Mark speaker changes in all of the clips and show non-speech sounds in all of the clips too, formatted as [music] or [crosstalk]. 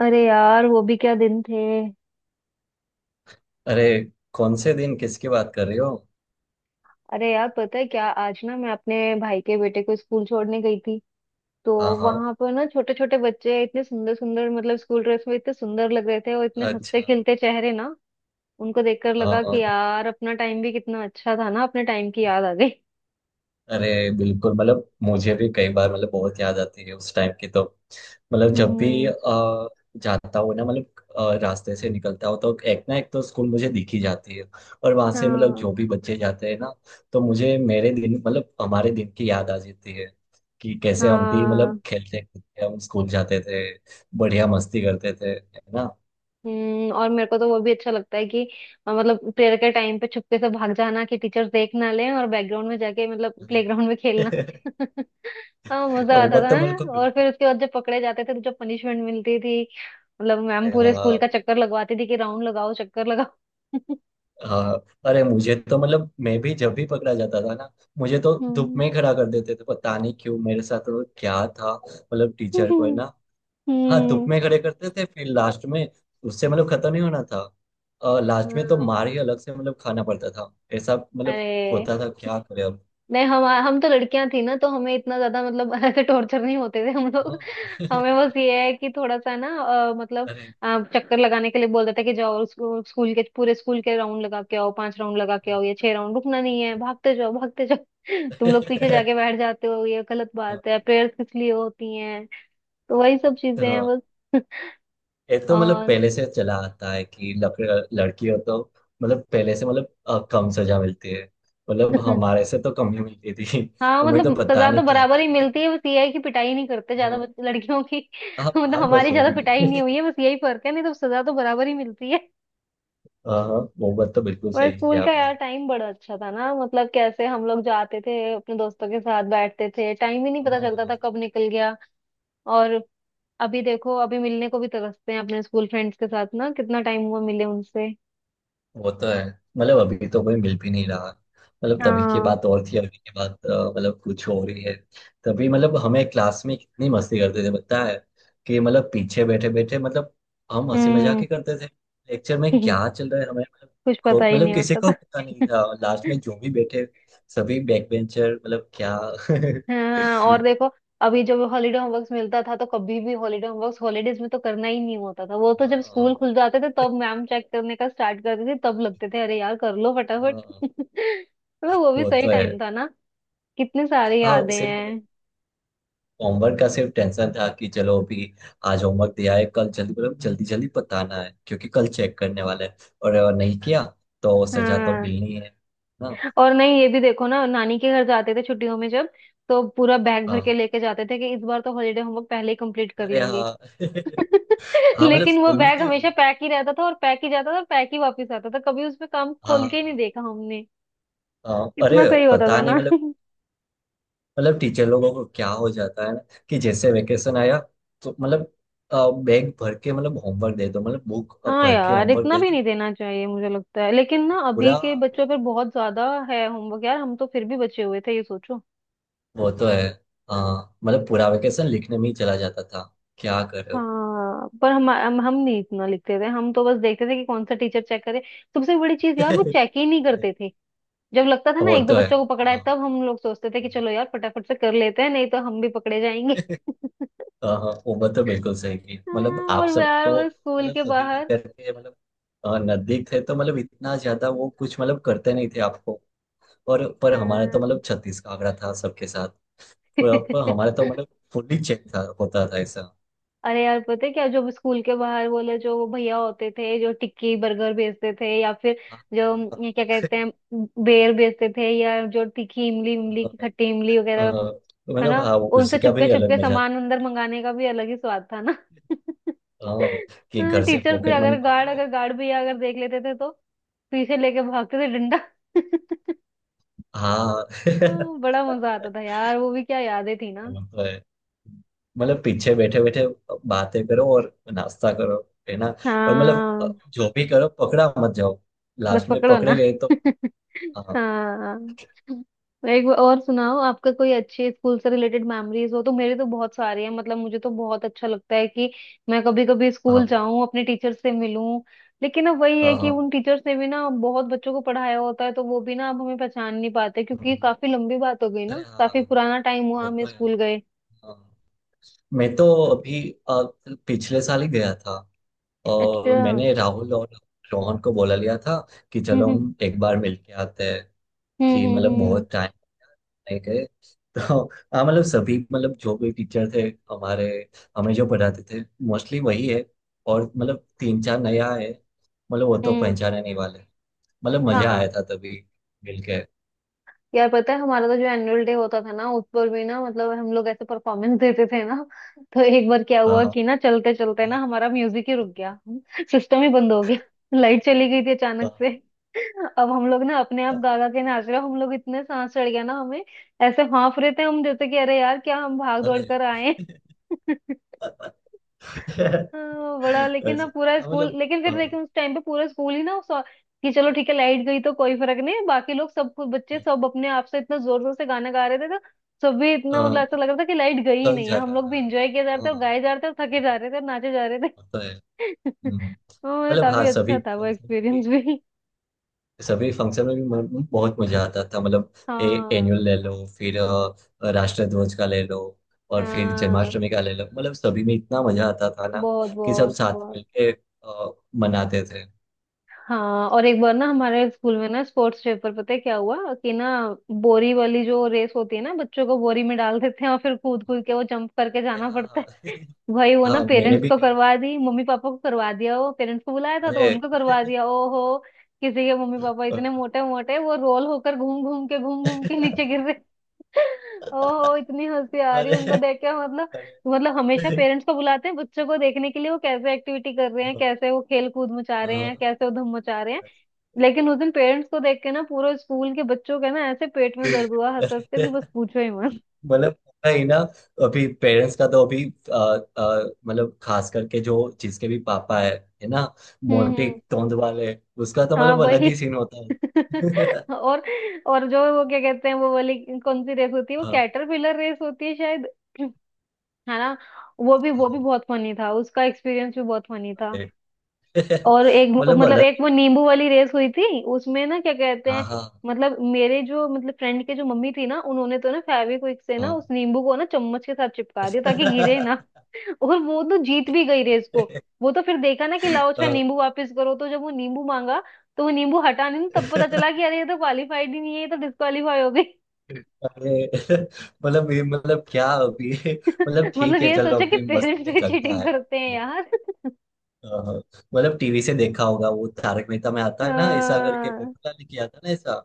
Speaker 1: अरे यार वो भी क्या दिन थे।
Speaker 2: अरे, कौन से दिन, किसकी बात कर रही हो?
Speaker 1: अरे यार, पता है क्या, आज ना मैं अपने भाई के बेटे को स्कूल छोड़ने गई थी तो
Speaker 2: हाँ हाँ।
Speaker 1: वहां पर ना छोटे छोटे बच्चे इतने सुंदर सुंदर, मतलब स्कूल ड्रेस में इतने सुंदर लग रहे थे और इतने हंसते
Speaker 2: अच्छा।
Speaker 1: खेलते चेहरे ना, उनको देखकर
Speaker 2: हाँ
Speaker 1: लगा कि
Speaker 2: हाँ।
Speaker 1: यार अपना टाइम भी कितना अच्छा था ना, अपने टाइम की याद आ गई।
Speaker 2: अरे बिल्कुल, मतलब मुझे भी कई बार मतलब बहुत याद आती है उस टाइम की। तो मतलब जब भी
Speaker 1: हम्म।
Speaker 2: जाता हूँ ना, मतलब रास्ते से निकलता हूँ तो एक ना एक तो स्कूल मुझे दिख ही जाती है। और वहां से मतलब
Speaker 1: हाँ
Speaker 2: जो भी बच्चे जाते हैं ना, तो मुझे मेरे दिन मतलब हमारे दिन की याद आ जाती है कि कैसे हम भी
Speaker 1: हाँ।
Speaker 2: मतलब खेलते खेलते हम स्कूल जाते थे। बढ़िया मस्ती करते थे, है ना।
Speaker 1: हम्म, और मेरे को तो वो भी अच्छा लगता है कि मतलब प्रेयर के टाइम पे चुपके से भाग जाना कि टीचर्स देख ना लें, और बैकग्राउंड में जाके, मतलब
Speaker 2: अरे।
Speaker 1: प्लेग्राउंड में खेलना।
Speaker 2: [laughs]
Speaker 1: [laughs] हाँ, मजा आता
Speaker 2: उम्र
Speaker 1: था।
Speaker 2: तो
Speaker 1: हैं?
Speaker 2: बिल्कुल
Speaker 1: और
Speaker 2: बिल्कुल
Speaker 1: फिर उसके बाद जब पकड़े जाते थे तो जो पनिशमेंट मिलती थी, मतलब मैम
Speaker 2: है,
Speaker 1: पूरे स्कूल
Speaker 2: हाँ।
Speaker 1: का चक्कर लगवाती थी कि राउंड लगाओ, चक्कर लगाओ। [laughs]
Speaker 2: हाँ अरे, मुझे तो मतलब मैं भी जब भी पकड़ा जाता था ना, मुझे तो धूप
Speaker 1: हम्म
Speaker 2: में ही खड़ा कर देते थे। पता नहीं क्यों मेरे साथ, तो क्या था मतलब टीचर को, है
Speaker 1: हम्म
Speaker 2: ना। हाँ धूप
Speaker 1: हम्म,
Speaker 2: में खड़े करते थे फिर लास्ट में उससे मतलब खत्म ही होना था। लास्ट में तो
Speaker 1: हाँ,
Speaker 2: मार ही अलग से मतलब खाना पड़ता था, ऐसा मतलब
Speaker 1: अरे
Speaker 2: होता था। क्या करे अब।
Speaker 1: नहीं, हम तो लड़कियां थी ना, तो हमें इतना ज्यादा, मतलब [laughs] ऐसे टॉर्चर नहीं होते थे हम लोग।
Speaker 2: हाँ। [laughs]
Speaker 1: हमें बस ये है कि थोड़ा सा ना मतलब
Speaker 2: अरे
Speaker 1: चक्कर लगाने के लिए बोल देते कि जाओ, स्कूल के, पूरे स्कूल के राउंड लगा के आओ, पांच राउंड लगा के आओ या छह राउंड, रुकना नहीं है, भागते जाओ भागते जाओ। [laughs] तुम लोग पीछे जाके बैठ जाते हो, ये गलत
Speaker 2: हाँ।
Speaker 1: बात है, प्रेयर्स किस लिए होती हैं। तो वही सब
Speaker 2: [laughs]
Speaker 1: चीजें हैं
Speaker 2: हाँ
Speaker 1: बस। [laughs]
Speaker 2: एक तो मतलब
Speaker 1: और
Speaker 2: पहले से चला आता है कि लड़की हो तो मतलब पहले से मतलब कम सजा मिलती है। मतलब
Speaker 1: [laughs]
Speaker 2: हमारे से तो कम ही मिलती थी। [laughs]
Speaker 1: हाँ,
Speaker 2: हमें तो
Speaker 1: मतलब
Speaker 2: पता
Speaker 1: सजा
Speaker 2: नहीं
Speaker 1: तो
Speaker 2: क्या
Speaker 1: बराबर
Speaker 2: क्या
Speaker 1: ही मिलती
Speaker 2: करेंगे।
Speaker 1: है, बस ये है कि पिटाई नहीं करते ज्यादा
Speaker 2: हाँ।
Speaker 1: लड़कियों की,
Speaker 2: हाँ
Speaker 1: [laughs] मतलब
Speaker 2: हाँ, बस
Speaker 1: हमारी ज्यादा
Speaker 2: वही
Speaker 1: पिटाई नहीं
Speaker 2: है।
Speaker 1: हुई
Speaker 2: [laughs]
Speaker 1: है, बस यही फर्क है, नहीं तो सजा तो बराबर ही मिलती है।
Speaker 2: हाँ हाँ, वो बात तो
Speaker 1: [laughs]
Speaker 2: बिल्कुल
Speaker 1: पर
Speaker 2: सही की
Speaker 1: स्कूल का
Speaker 2: आपने।
Speaker 1: यार टाइम बड़ा अच्छा था ना, मतलब कैसे हम लोग जाते थे अपने दोस्तों के साथ, बैठते थे, टाइम ही नहीं पता चलता था
Speaker 2: हाँ
Speaker 1: कब निकल गया। और अभी देखो, अभी मिलने को भी तरसते हैं अपने स्कूल फ्रेंड्स के साथ ना, कितना टाइम हुआ मिले उनसे।
Speaker 2: वो तो है। मतलब अभी तो कोई मिल भी नहीं रहा। मतलब तभी की
Speaker 1: हाँ।
Speaker 2: बात और थी, अभी की बात मतलब कुछ हो रही है। तभी मतलब हमें क्लास में कितनी मस्ती करते थे पता है, कि मतलब पीछे बैठे बैठे मतलब हम हंसी मजाक
Speaker 1: हम्म।
Speaker 2: ही करते थे। लेक्चर में क्या
Speaker 1: [laughs]
Speaker 2: चल रहा है हमें मतलब
Speaker 1: कुछ पता ही
Speaker 2: मतलब
Speaker 1: नहीं
Speaker 2: किसी
Speaker 1: होता
Speaker 2: को पता नहीं
Speaker 1: था।
Speaker 2: था। लास्ट
Speaker 1: [laughs]
Speaker 2: में जो भी बैठे सभी बैक बेंचर, मतलब क्या। [laughs]
Speaker 1: हाँ और देखो, अभी जब हॉलीडे होमवर्क मिलता था तो कभी भी हॉलीडे होमवर्क हॉलीडेज में तो करना ही नहीं होता था, वो तो जब
Speaker 2: हाँ
Speaker 1: स्कूल खुल जाते थे तब मैम चेक करने का स्टार्ट करती थी, तब लगते थे अरे यार कर लो फटाफट।
Speaker 2: हाँ
Speaker 1: [laughs] तो वो भी
Speaker 2: वो
Speaker 1: सही
Speaker 2: तो है।
Speaker 1: टाइम था ना, कितने सारे
Speaker 2: हाँ
Speaker 1: यादें
Speaker 2: सेम मतलब
Speaker 1: हैं।
Speaker 2: होमवर्क का सिर्फ टेंशन था कि चलो अभी आज होमवर्क दिया है, कल जल्दी मतलब जल्दी जल्दी बताना है क्योंकि कल चेक करने वाला है। और अगर नहीं किया तो सजा तो
Speaker 1: हाँ
Speaker 2: मिलनी है ना।
Speaker 1: और नहीं, ये भी देखो ना, नानी के घर जाते थे छुट्टियों में, जब तो पूरा बैग भर के
Speaker 2: हाँ
Speaker 1: लेके जाते थे कि इस बार तो हॉलीडे होमवर्क पहले ही कंप्लीट कर
Speaker 2: अरे
Speaker 1: लेंगे।
Speaker 2: हाँ। [laughs]
Speaker 1: [laughs]
Speaker 2: हाँ मतलब
Speaker 1: लेकिन वो
Speaker 2: स्कूल में
Speaker 1: बैग
Speaker 2: तो
Speaker 1: हमेशा पैक ही रहता था और पैक ही जाता था और पैक ही वापस आता था, कभी उसमें काम खोल के
Speaker 2: हाँ।
Speaker 1: ही नहीं देखा।
Speaker 2: हाँ अरे,
Speaker 1: कितना सही होता था
Speaker 2: पता नहीं
Speaker 1: ना।
Speaker 2: मतलब,
Speaker 1: [laughs]
Speaker 2: मतलब टीचर लोगों को क्या हो जाता है ना, कि जैसे वेकेशन आया तो मतलब बैग भर के मतलब होमवर्क दे दो, मतलब बुक
Speaker 1: हाँ
Speaker 2: भर के
Speaker 1: यार,
Speaker 2: होमवर्क
Speaker 1: इतना
Speaker 2: दे
Speaker 1: भी
Speaker 2: दो,
Speaker 1: नहीं देना चाहिए मुझे लगता है, लेकिन ना अभी
Speaker 2: पूरा।
Speaker 1: के बच्चों पर बहुत ज्यादा है होमवर्क यार, हम तो फिर भी बचे हुए थे ये सोचो।
Speaker 2: वो तो है। हाँ मतलब पूरा वेकेशन लिखने में ही चला जाता था। क्या कर रहे हो।
Speaker 1: हाँ पर हम नहीं इतना लिखते थे, हम तो बस देखते थे कि कौन सा टीचर चेक करे, सबसे बड़ी चीज यार वो
Speaker 2: [laughs]
Speaker 1: चेक ही नहीं
Speaker 2: अरे
Speaker 1: करते थे। जब लगता था ना
Speaker 2: वो
Speaker 1: एक दो
Speaker 2: तो है।
Speaker 1: बच्चों को पकड़ा है,
Speaker 2: हाँ।
Speaker 1: तब हम लोग सोचते थे कि चलो यार फटाफट से कर लेते हैं नहीं तो हम भी पकड़े जाएंगे।
Speaker 2: [laughs]
Speaker 1: [laughs]
Speaker 2: हाँ हाँ, वो बात तो बिल्कुल सही की मतलब
Speaker 1: हाँ,
Speaker 2: आप
Speaker 1: और
Speaker 2: सब
Speaker 1: यार
Speaker 2: तो
Speaker 1: वो स्कूल
Speaker 2: मतलब
Speaker 1: के
Speaker 2: सभी
Speaker 1: बाहर,
Speaker 2: टीचर के मतलब नजदीक थे तो मतलब इतना ज्यादा वो कुछ मतलब करते नहीं थे आपको। और पर हमारा तो
Speaker 1: हाँ।
Speaker 2: मतलब छत्तीस का आंकड़ा था सबके साथ। पर हमारा तो मतलब
Speaker 1: [laughs]
Speaker 2: फुल्ली चेक था, होता था ऐसा।
Speaker 1: अरे यार पता है क्या, जो स्कूल के बाहर बोले, जो वो भैया होते थे जो टिक्की बर्गर बेचते थे, या फिर
Speaker 2: हाँ
Speaker 1: जो
Speaker 2: हाँ
Speaker 1: ये क्या कहते हैं,
Speaker 2: हाँ। [laughs]
Speaker 1: बेर बेचते थे, या जो तीखी इमली, इमली की खट्टी इमली
Speaker 2: अ,
Speaker 1: वगैरह,
Speaker 2: अ,
Speaker 1: है
Speaker 2: मतलब
Speaker 1: ना,
Speaker 2: हाँ
Speaker 1: उनसे
Speaker 2: उसका
Speaker 1: चुपके
Speaker 2: भी
Speaker 1: चुपके
Speaker 2: अलग मजा
Speaker 1: सामान अंदर
Speaker 2: था।
Speaker 1: मंगाने का भी अलग ही स्वाद था ना।
Speaker 2: हाँ, कि
Speaker 1: [laughs]
Speaker 2: घर से
Speaker 1: टीचर फिर,
Speaker 2: पॉकेट मनी
Speaker 1: अगर गार्ड,
Speaker 2: मांगो।
Speaker 1: अगर गार्ड भैया अगर देख लेते थे तो पीछे लेके भागते थे डंडा। [laughs]
Speaker 2: हाँ। [laughs]
Speaker 1: हाँ, बड़ा मजा आता था यार, वो भी क्या यादें थी ना।
Speaker 2: वो तो है, मतलब पीछे बैठे बैठे बातें करो और नाश्ता करो, है ना। और मतलब
Speaker 1: हाँ,
Speaker 2: जो भी करो पकड़ा मत जाओ,
Speaker 1: बस
Speaker 2: लास्ट में
Speaker 1: पकड़ो
Speaker 2: पकड़े
Speaker 1: ना।
Speaker 2: गए तो।
Speaker 1: [laughs]
Speaker 2: हाँ
Speaker 1: हाँ, एक बार और सुनाओ, आपका कोई अच्छे स्कूल से रिलेटेड मेमोरीज हो तो, मेरे तो बहुत सारे हैं, मतलब मुझे तो बहुत अच्छा लगता है कि मैं कभी कभी
Speaker 2: हाँ
Speaker 1: स्कूल जाऊं, अपने टीचर से मिलूं। लेकिन अब वही है
Speaker 2: हाँ
Speaker 1: कि
Speaker 2: हाँ।
Speaker 1: उन टीचर्स ने भी ना बहुत बच्चों को पढ़ाया होता है तो वो भी ना अब हमें पहचान नहीं पाते, क्योंकि
Speaker 2: हम्म।
Speaker 1: काफी लंबी बात हो गई
Speaker 2: अरे
Speaker 1: ना, काफी
Speaker 2: हाँ।
Speaker 1: पुराना टाइम हुआ
Speaker 2: वो
Speaker 1: हमें
Speaker 2: तो है।
Speaker 1: स्कूल गए।
Speaker 2: हाँ। मैं तो अभी अ, पिछले साल ही गया था। और
Speaker 1: अच्छा। हम्म।
Speaker 2: मैंने राहुल और रोहन को बोला लिया था कि चलो
Speaker 1: हम्म
Speaker 2: हम एक बार मिल के आते हैं, कि
Speaker 1: हम्म।
Speaker 2: मतलब
Speaker 1: हम्म।
Speaker 2: बहुत नहीं गए तो। हाँ मतलब सभी, मतलब जो भी टीचर थे हमारे, हमें जो पढ़ाते थे, मोस्टली वही है। और मतलब तीन चार नया है, मतलब वो तो
Speaker 1: हम्म,
Speaker 2: पहचाने नहीं वाले। मतलब मजा आया
Speaker 1: हाँ
Speaker 2: था तभी मिलके।
Speaker 1: यार पता है, हमारा तो जो एनुअल डे होता था ना उस पर भी ना, मतलब हम लोग ऐसे परफॉर्मेंस देते थे ना, तो एक बार क्या
Speaker 2: हाँ
Speaker 1: हुआ
Speaker 2: हाँ
Speaker 1: कि ना चलते चलते ना हमारा म्यूजिक ही रुक गया, सिस्टम ही बंद हो गया, लाइट चली गई थी अचानक
Speaker 2: हाँ,
Speaker 1: से। अब हम लोग ना अपने आप
Speaker 2: हाँ,
Speaker 1: गागा के नाच रहे, हम लोग, इतने सांस चढ़ गया ना हमें, ऐसे हाँफ रहे थे हम जैसे कि अरे यार क्या हम भाग दौड़
Speaker 2: अरे
Speaker 1: कर आए हैं। हाँ, बड़ा, लेकिन ना
Speaker 2: अच्छा,
Speaker 1: पूरा
Speaker 2: हाँ,
Speaker 1: स्कूल,
Speaker 2: मतलब
Speaker 1: लेकिन
Speaker 2: अ,
Speaker 1: फिर, लेकिन उस टाइम पे पूरा स्कूल ही ना उस, कि चलो ठीक है लाइट गई तो कोई फर्क नहीं, बाकी लोग सब कुछ, बच्चे सब अपने आप से इतना जोर जोर से गाना गा रहे थे, तो सब भी इतना, मतलब
Speaker 2: अ,
Speaker 1: ऐसा लग रहा था कि लाइट गई ही
Speaker 2: लग
Speaker 1: नहीं है, हम
Speaker 2: जाता
Speaker 1: लोग
Speaker 2: था।
Speaker 1: भी इंजॉय किया जा रहा था, और
Speaker 2: हाँ
Speaker 1: गाए जा रहे थे और थके जा रहे थे और नाचे जा रहे थे।
Speaker 2: होता है।
Speaker 1: [laughs]
Speaker 2: हम्म,
Speaker 1: तो
Speaker 2: मतलब हाँ
Speaker 1: काफी अच्छा
Speaker 2: सभी
Speaker 1: था वो
Speaker 2: फंक्शन,
Speaker 1: एक्सपीरियंस भी।
Speaker 2: सभी फंक्शन में भी बहुत मजा आता था। मतलब
Speaker 1: हाँ
Speaker 2: एनुअल ले लो, फिर राष्ट्रध्वज का ले लो, और फिर
Speaker 1: हाँ,
Speaker 2: जन्माष्टमी का ले लो, मतलब सभी में इतना मजा आता था ना,
Speaker 1: बहुत
Speaker 2: कि सब
Speaker 1: बहुत
Speaker 2: साथ
Speaker 1: बहुत।
Speaker 2: मिलके मनाते थे।
Speaker 1: हाँ और एक बार ना हमारे स्कूल में ना स्पोर्ट्स डे पर, पता है क्या हुआ कि ना, बोरी वाली जो रेस होती है ना, बच्चों को बोरी में डाल देते हैं और फिर कूद कूद के वो जंप करके जाना
Speaker 2: हाँ
Speaker 1: पड़ता
Speaker 2: हाँ।
Speaker 1: है,
Speaker 2: [laughs]
Speaker 1: [laughs] भाई वो ना
Speaker 2: हाँ मैंने
Speaker 1: पेरेंट्स
Speaker 2: भी
Speaker 1: को
Speaker 2: कही।
Speaker 1: करवा दी, मम्मी पापा को करवा दिया, वो पेरेंट्स को बुलाया था तो
Speaker 2: अरे।
Speaker 1: उनको करवा दिया। ओहो, किसी के मम्मी पापा इतने
Speaker 2: [laughs]
Speaker 1: मोटे मोटे, वो रोल होकर घूम घूम के, घूम घूम के नीचे गिर। ओहो, इतनी हंसी आ रही है
Speaker 2: अरे
Speaker 1: उनको देख के, मतलब,
Speaker 2: अरे
Speaker 1: मतलब हमेशा पेरेंट्स को बुलाते हैं बच्चों को देखने के लिए, वो कैसे एक्टिविटी कर रहे हैं, कैसे वो खेल कूद मचा रहे
Speaker 2: हाँ,
Speaker 1: हैं, कैसे वो धूम मचा रहे हैं। लेकिन उस दिन पेरेंट्स को देख के ना पूरे स्कूल के बच्चों का ना ऐसे पेट में दर्द हुआ हंस हंस कर, कि
Speaker 2: हाँ।
Speaker 1: बस पूछो ही मत।
Speaker 2: मतलब होता ही ना। अभी पेरेंट्स का तो अभी मतलब खास करके जो जिसके भी पापा है ना, मोटे
Speaker 1: हम्म।
Speaker 2: तोंद वाले, उसका तो
Speaker 1: हाँ
Speaker 2: मतलब अलग
Speaker 1: वही,
Speaker 2: ही सीन होता है।
Speaker 1: [laughs]
Speaker 2: [laughs]
Speaker 1: और और जो वो क्या कहते हैं, वो वाली, कौन सी रेस होती है, वो
Speaker 2: हाँ,
Speaker 1: कैटरपिलर रेस होती है शायद, [clears throat] है ना, वो
Speaker 2: हाँ,
Speaker 1: भी बहुत फनी था, उसका एक्सपीरियंस भी बहुत फनी था।
Speaker 2: अरे। [laughs]
Speaker 1: और एक,
Speaker 2: मतलब
Speaker 1: मतलब एक वो नींबू वाली रेस हुई थी उसमें ना, क्या कहते
Speaker 2: हाँ
Speaker 1: हैं,
Speaker 2: हाँ
Speaker 1: मतलब मेरे जो, मतलब फ्रेंड के जो मम्मी थी ना, उन्होंने तो ना फेविक्विक से ना उस
Speaker 2: हाँ।
Speaker 1: नींबू को ना चम्मच के साथ चिपका दिया ताकि गिरे ना।
Speaker 2: [laughs]
Speaker 1: [laughs] और वो तो जीत भी गई रेस को। वो तो फिर देखा ना कि लाओ अच्छा
Speaker 2: हाँ।
Speaker 1: नींबू वापस करो, तो जब वो नींबू मांगा तो वो नींबू हटा नहीं, तब पता चला कि अरे ये तो क्वालिफाइड ही नहीं है, ये तो डिस्क्वालीफाई हो गई।
Speaker 2: अरे मतलब ये, मतलब क्या अभी, [laughs] मतलब
Speaker 1: [laughs] मतलब
Speaker 2: ठीक है
Speaker 1: ये
Speaker 2: चलो
Speaker 1: सोचा कि
Speaker 2: अभी मस्ती
Speaker 1: पेरेंट्स
Speaker 2: में
Speaker 1: भी
Speaker 2: चलता
Speaker 1: चीटिंग
Speaker 2: है।
Speaker 1: करते हैं यार।
Speaker 2: हाँ, मतलब टीवी से देखा होगा, वो तारक मेहता में
Speaker 1: [laughs]
Speaker 2: आता है ना, ऐसा करके
Speaker 1: हाँ
Speaker 2: पोपटलाल ने किया था ना ऐसा।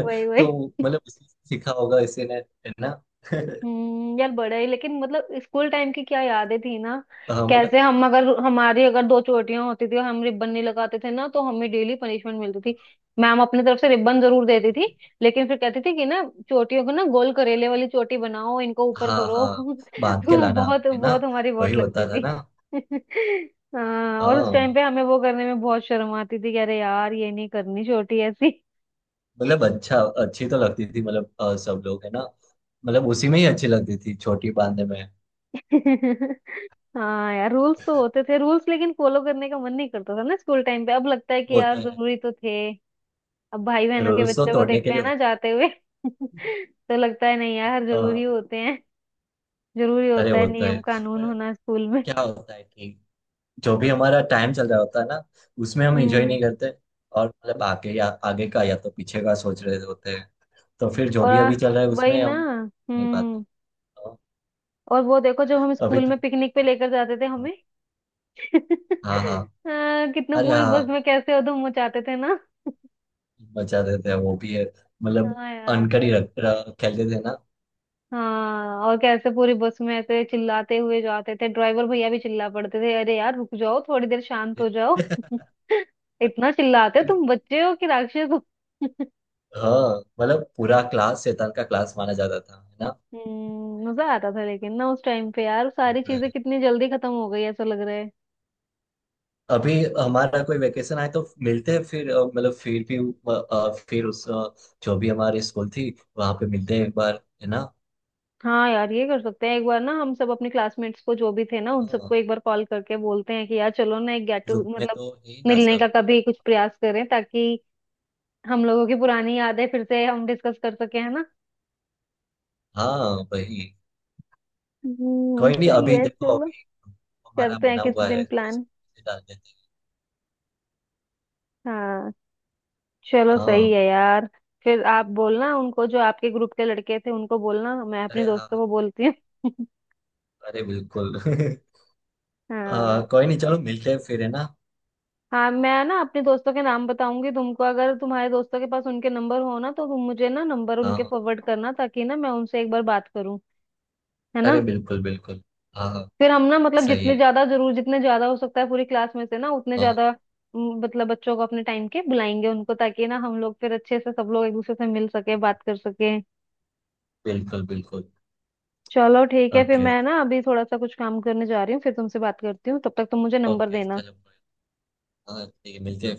Speaker 1: वही वही।
Speaker 2: तो मतलब उसी से सीखा होगा इसे ने, है ना। [laughs]
Speaker 1: हम्म, यार बड़ा ही, लेकिन मतलब स्कूल टाइम की क्या यादें थी ना,
Speaker 2: हाँ मतलब,
Speaker 1: कैसे हम, अगर हमारी अगर दो चोटियां होती थी और हम रिबन नहीं लगाते थे ना तो हमें डेली पनिशमेंट मिलती थी, मैम अपनी तरफ से रिबन जरूर देती थी, लेकिन फिर कहती थी कि ना चोटियों को ना गोल करेले वाली चोटी बनाओ, इनको ऊपर
Speaker 2: हाँ
Speaker 1: करो,
Speaker 2: हाँ
Speaker 1: [laughs]
Speaker 2: बांध के
Speaker 1: तो
Speaker 2: लाना,
Speaker 1: बहुत
Speaker 2: है ना,
Speaker 1: बहुत हमारी
Speaker 2: वही
Speaker 1: वोट लगती
Speaker 2: होता था
Speaker 1: थी।
Speaker 2: ना।
Speaker 1: [laughs] हाँ, और उस टाइम
Speaker 2: हाँ
Speaker 1: पे हमें वो करने में बहुत शर्म आती थी कि अरे यार ये नहीं करनी चोटी ऐसी।
Speaker 2: मतलब अच्छा, अच्छी तो लगती थी मतलब सब लोग, है ना। मतलब उसी में ही अच्छी लगती थी छोटी बांधने में।
Speaker 1: [laughs] हाँ यार, रूल्स तो होते थे रूल्स, लेकिन फॉलो करने का मन नहीं करता था ना स्कूल टाइम पे, अब लगता है कि
Speaker 2: वो
Speaker 1: यार
Speaker 2: तो है।
Speaker 1: जरूरी तो थे। अब भाई बहनों के
Speaker 2: रूल्स तो
Speaker 1: बच्चों को
Speaker 2: तोड़ने के
Speaker 1: देखते
Speaker 2: लिए
Speaker 1: हैं ना
Speaker 2: होता
Speaker 1: जाते हुए, [laughs] तो लगता है नहीं यार
Speaker 2: है
Speaker 1: जरूरी होते हैं, जरूरी
Speaker 2: अरे
Speaker 1: होता है
Speaker 2: वो तो है।
Speaker 1: नियम कानून
Speaker 2: पर
Speaker 1: होना स्कूल में।
Speaker 2: क्या होता है कि जो भी हमारा टाइम चल रहा होता है ना, उसमें हम एंजॉय
Speaker 1: हम्म,
Speaker 2: नहीं करते। और मतलब आगे या आगे का या तो पीछे का सोच रहे होते हैं, तो फिर जो
Speaker 1: और
Speaker 2: भी अभी चल रहा है
Speaker 1: वही
Speaker 2: उसमें
Speaker 1: ना।
Speaker 2: हम नहीं पाते।
Speaker 1: हम्म,
Speaker 2: तो
Speaker 1: और वो देखो जब हम
Speaker 2: अभी
Speaker 1: स्कूल
Speaker 2: तो
Speaker 1: में पिकनिक पे लेकर जाते थे हमें, [laughs]
Speaker 2: हाँ हाँ।
Speaker 1: कितना
Speaker 2: अरे
Speaker 1: पूरी बस
Speaker 2: हाँ
Speaker 1: में कैसे उधम मचाते थे ना।
Speaker 2: मजा देते हैं वो भी है, मतलब
Speaker 1: हाँ
Speaker 2: अनकर ही
Speaker 1: यार।
Speaker 2: रख, रख- खेलते थे ना।
Speaker 1: हाँ, और कैसे पूरी बस में ऐसे चिल्लाते हुए जाते थे, ड्राइवर भैया भी चिल्ला पड़ते थे अरे यार रुक जाओ, थोड़ी देर शांत हो जाओ। [laughs]
Speaker 2: [laughs]
Speaker 1: इतना चिल्लाते तुम, बच्चे हो कि राक्षस हो। [laughs]
Speaker 2: हाँ मतलब पूरा क्लास शैतान का क्लास माना जाता था, है
Speaker 1: हम्म, मजा आता था लेकिन ना उस टाइम पे यार, सारी
Speaker 2: ना।
Speaker 1: चीजें कितनी जल्दी खत्म हो गई ऐसा लग रहा है।
Speaker 2: अभी हमारा कोई वेकेशन आए तो मिलते हैं फिर, मतलब फिर भी फिर उस जो भी हमारी स्कूल थी, वहां पे मिलते हैं एक बार, है ना।
Speaker 1: हाँ यार, ये कर सकते हैं एक बार ना, हम सब अपने क्लासमेट्स को जो भी थे ना, उन
Speaker 2: हाँ
Speaker 1: सबको एक बार कॉल करके बोलते हैं कि यार चलो ना, एक गेट टू,
Speaker 2: ग्रुप में
Speaker 1: मतलब
Speaker 2: तो है ही ना
Speaker 1: मिलने
Speaker 2: सब।
Speaker 1: का कभी कुछ प्रयास करें, ताकि हम लोगों की पुरानी यादें फिर से हम डिस्कस कर सके, है ना।
Speaker 2: हाँ वही।
Speaker 1: हम्म,
Speaker 2: कोई नहीं,
Speaker 1: सही
Speaker 2: अभी
Speaker 1: है,
Speaker 2: देखो
Speaker 1: चलो
Speaker 2: अभी हमारा
Speaker 1: करते हैं
Speaker 2: बना
Speaker 1: किसी
Speaker 2: हुआ है
Speaker 1: दिन
Speaker 2: तो
Speaker 1: प्लान।
Speaker 2: इसमें डाल देते
Speaker 1: हाँ, चलो
Speaker 2: हैं।
Speaker 1: सही
Speaker 2: हाँ।
Speaker 1: है यार, फिर आप बोलना उनको, जो आपके ग्रुप के लड़के थे उनको बोलना, मैं अपने
Speaker 2: अरे हाँ
Speaker 1: दोस्तों
Speaker 2: हाँ,
Speaker 1: को बोलती हूँ।
Speaker 2: अरे बिल्कुल। [laughs]
Speaker 1: [laughs]
Speaker 2: हाँ
Speaker 1: हाँ।
Speaker 2: कोई नहीं चलो मिलते हैं फिर, है ना।
Speaker 1: हाँ, मैं ना अपने दोस्तों के नाम बताऊंगी तुमको, अगर तुम्हारे दोस्तों के पास उनके नंबर हो ना तो तुम मुझे ना नंबर
Speaker 2: हाँ
Speaker 1: उनके
Speaker 2: हाँ,
Speaker 1: फॉरवर्ड करना, ताकि ना मैं उनसे एक बार बात करूँ, है ना।
Speaker 2: अरे बिल्कुल बिल्कुल। हाँ हाँ।
Speaker 1: फिर हम ना, मतलब
Speaker 2: सही
Speaker 1: जितने
Speaker 2: है।
Speaker 1: ज्यादा जरूर, जितने ज्यादा हो सकता है पूरी क्लास में से ना, उतने
Speaker 2: हाँ।
Speaker 1: ज्यादा मतलब बच्चों को अपने टाइम के बुलाएंगे उनको, ताकि ना हम लोग फिर अच्छे से सब लोग एक दूसरे से मिल सके, बात कर सके।
Speaker 2: बिल्कुल बिल्कुल।
Speaker 1: चलो ठीक है, फिर
Speaker 2: ओके।
Speaker 1: मैं ना अभी थोड़ा सा कुछ काम करने जा रही हूँ, फिर तुमसे बात करती हूँ, तब तक तुम मुझे नंबर
Speaker 2: ओके
Speaker 1: देना।
Speaker 2: चलो। हाँ ठीक है, मिलते हैं।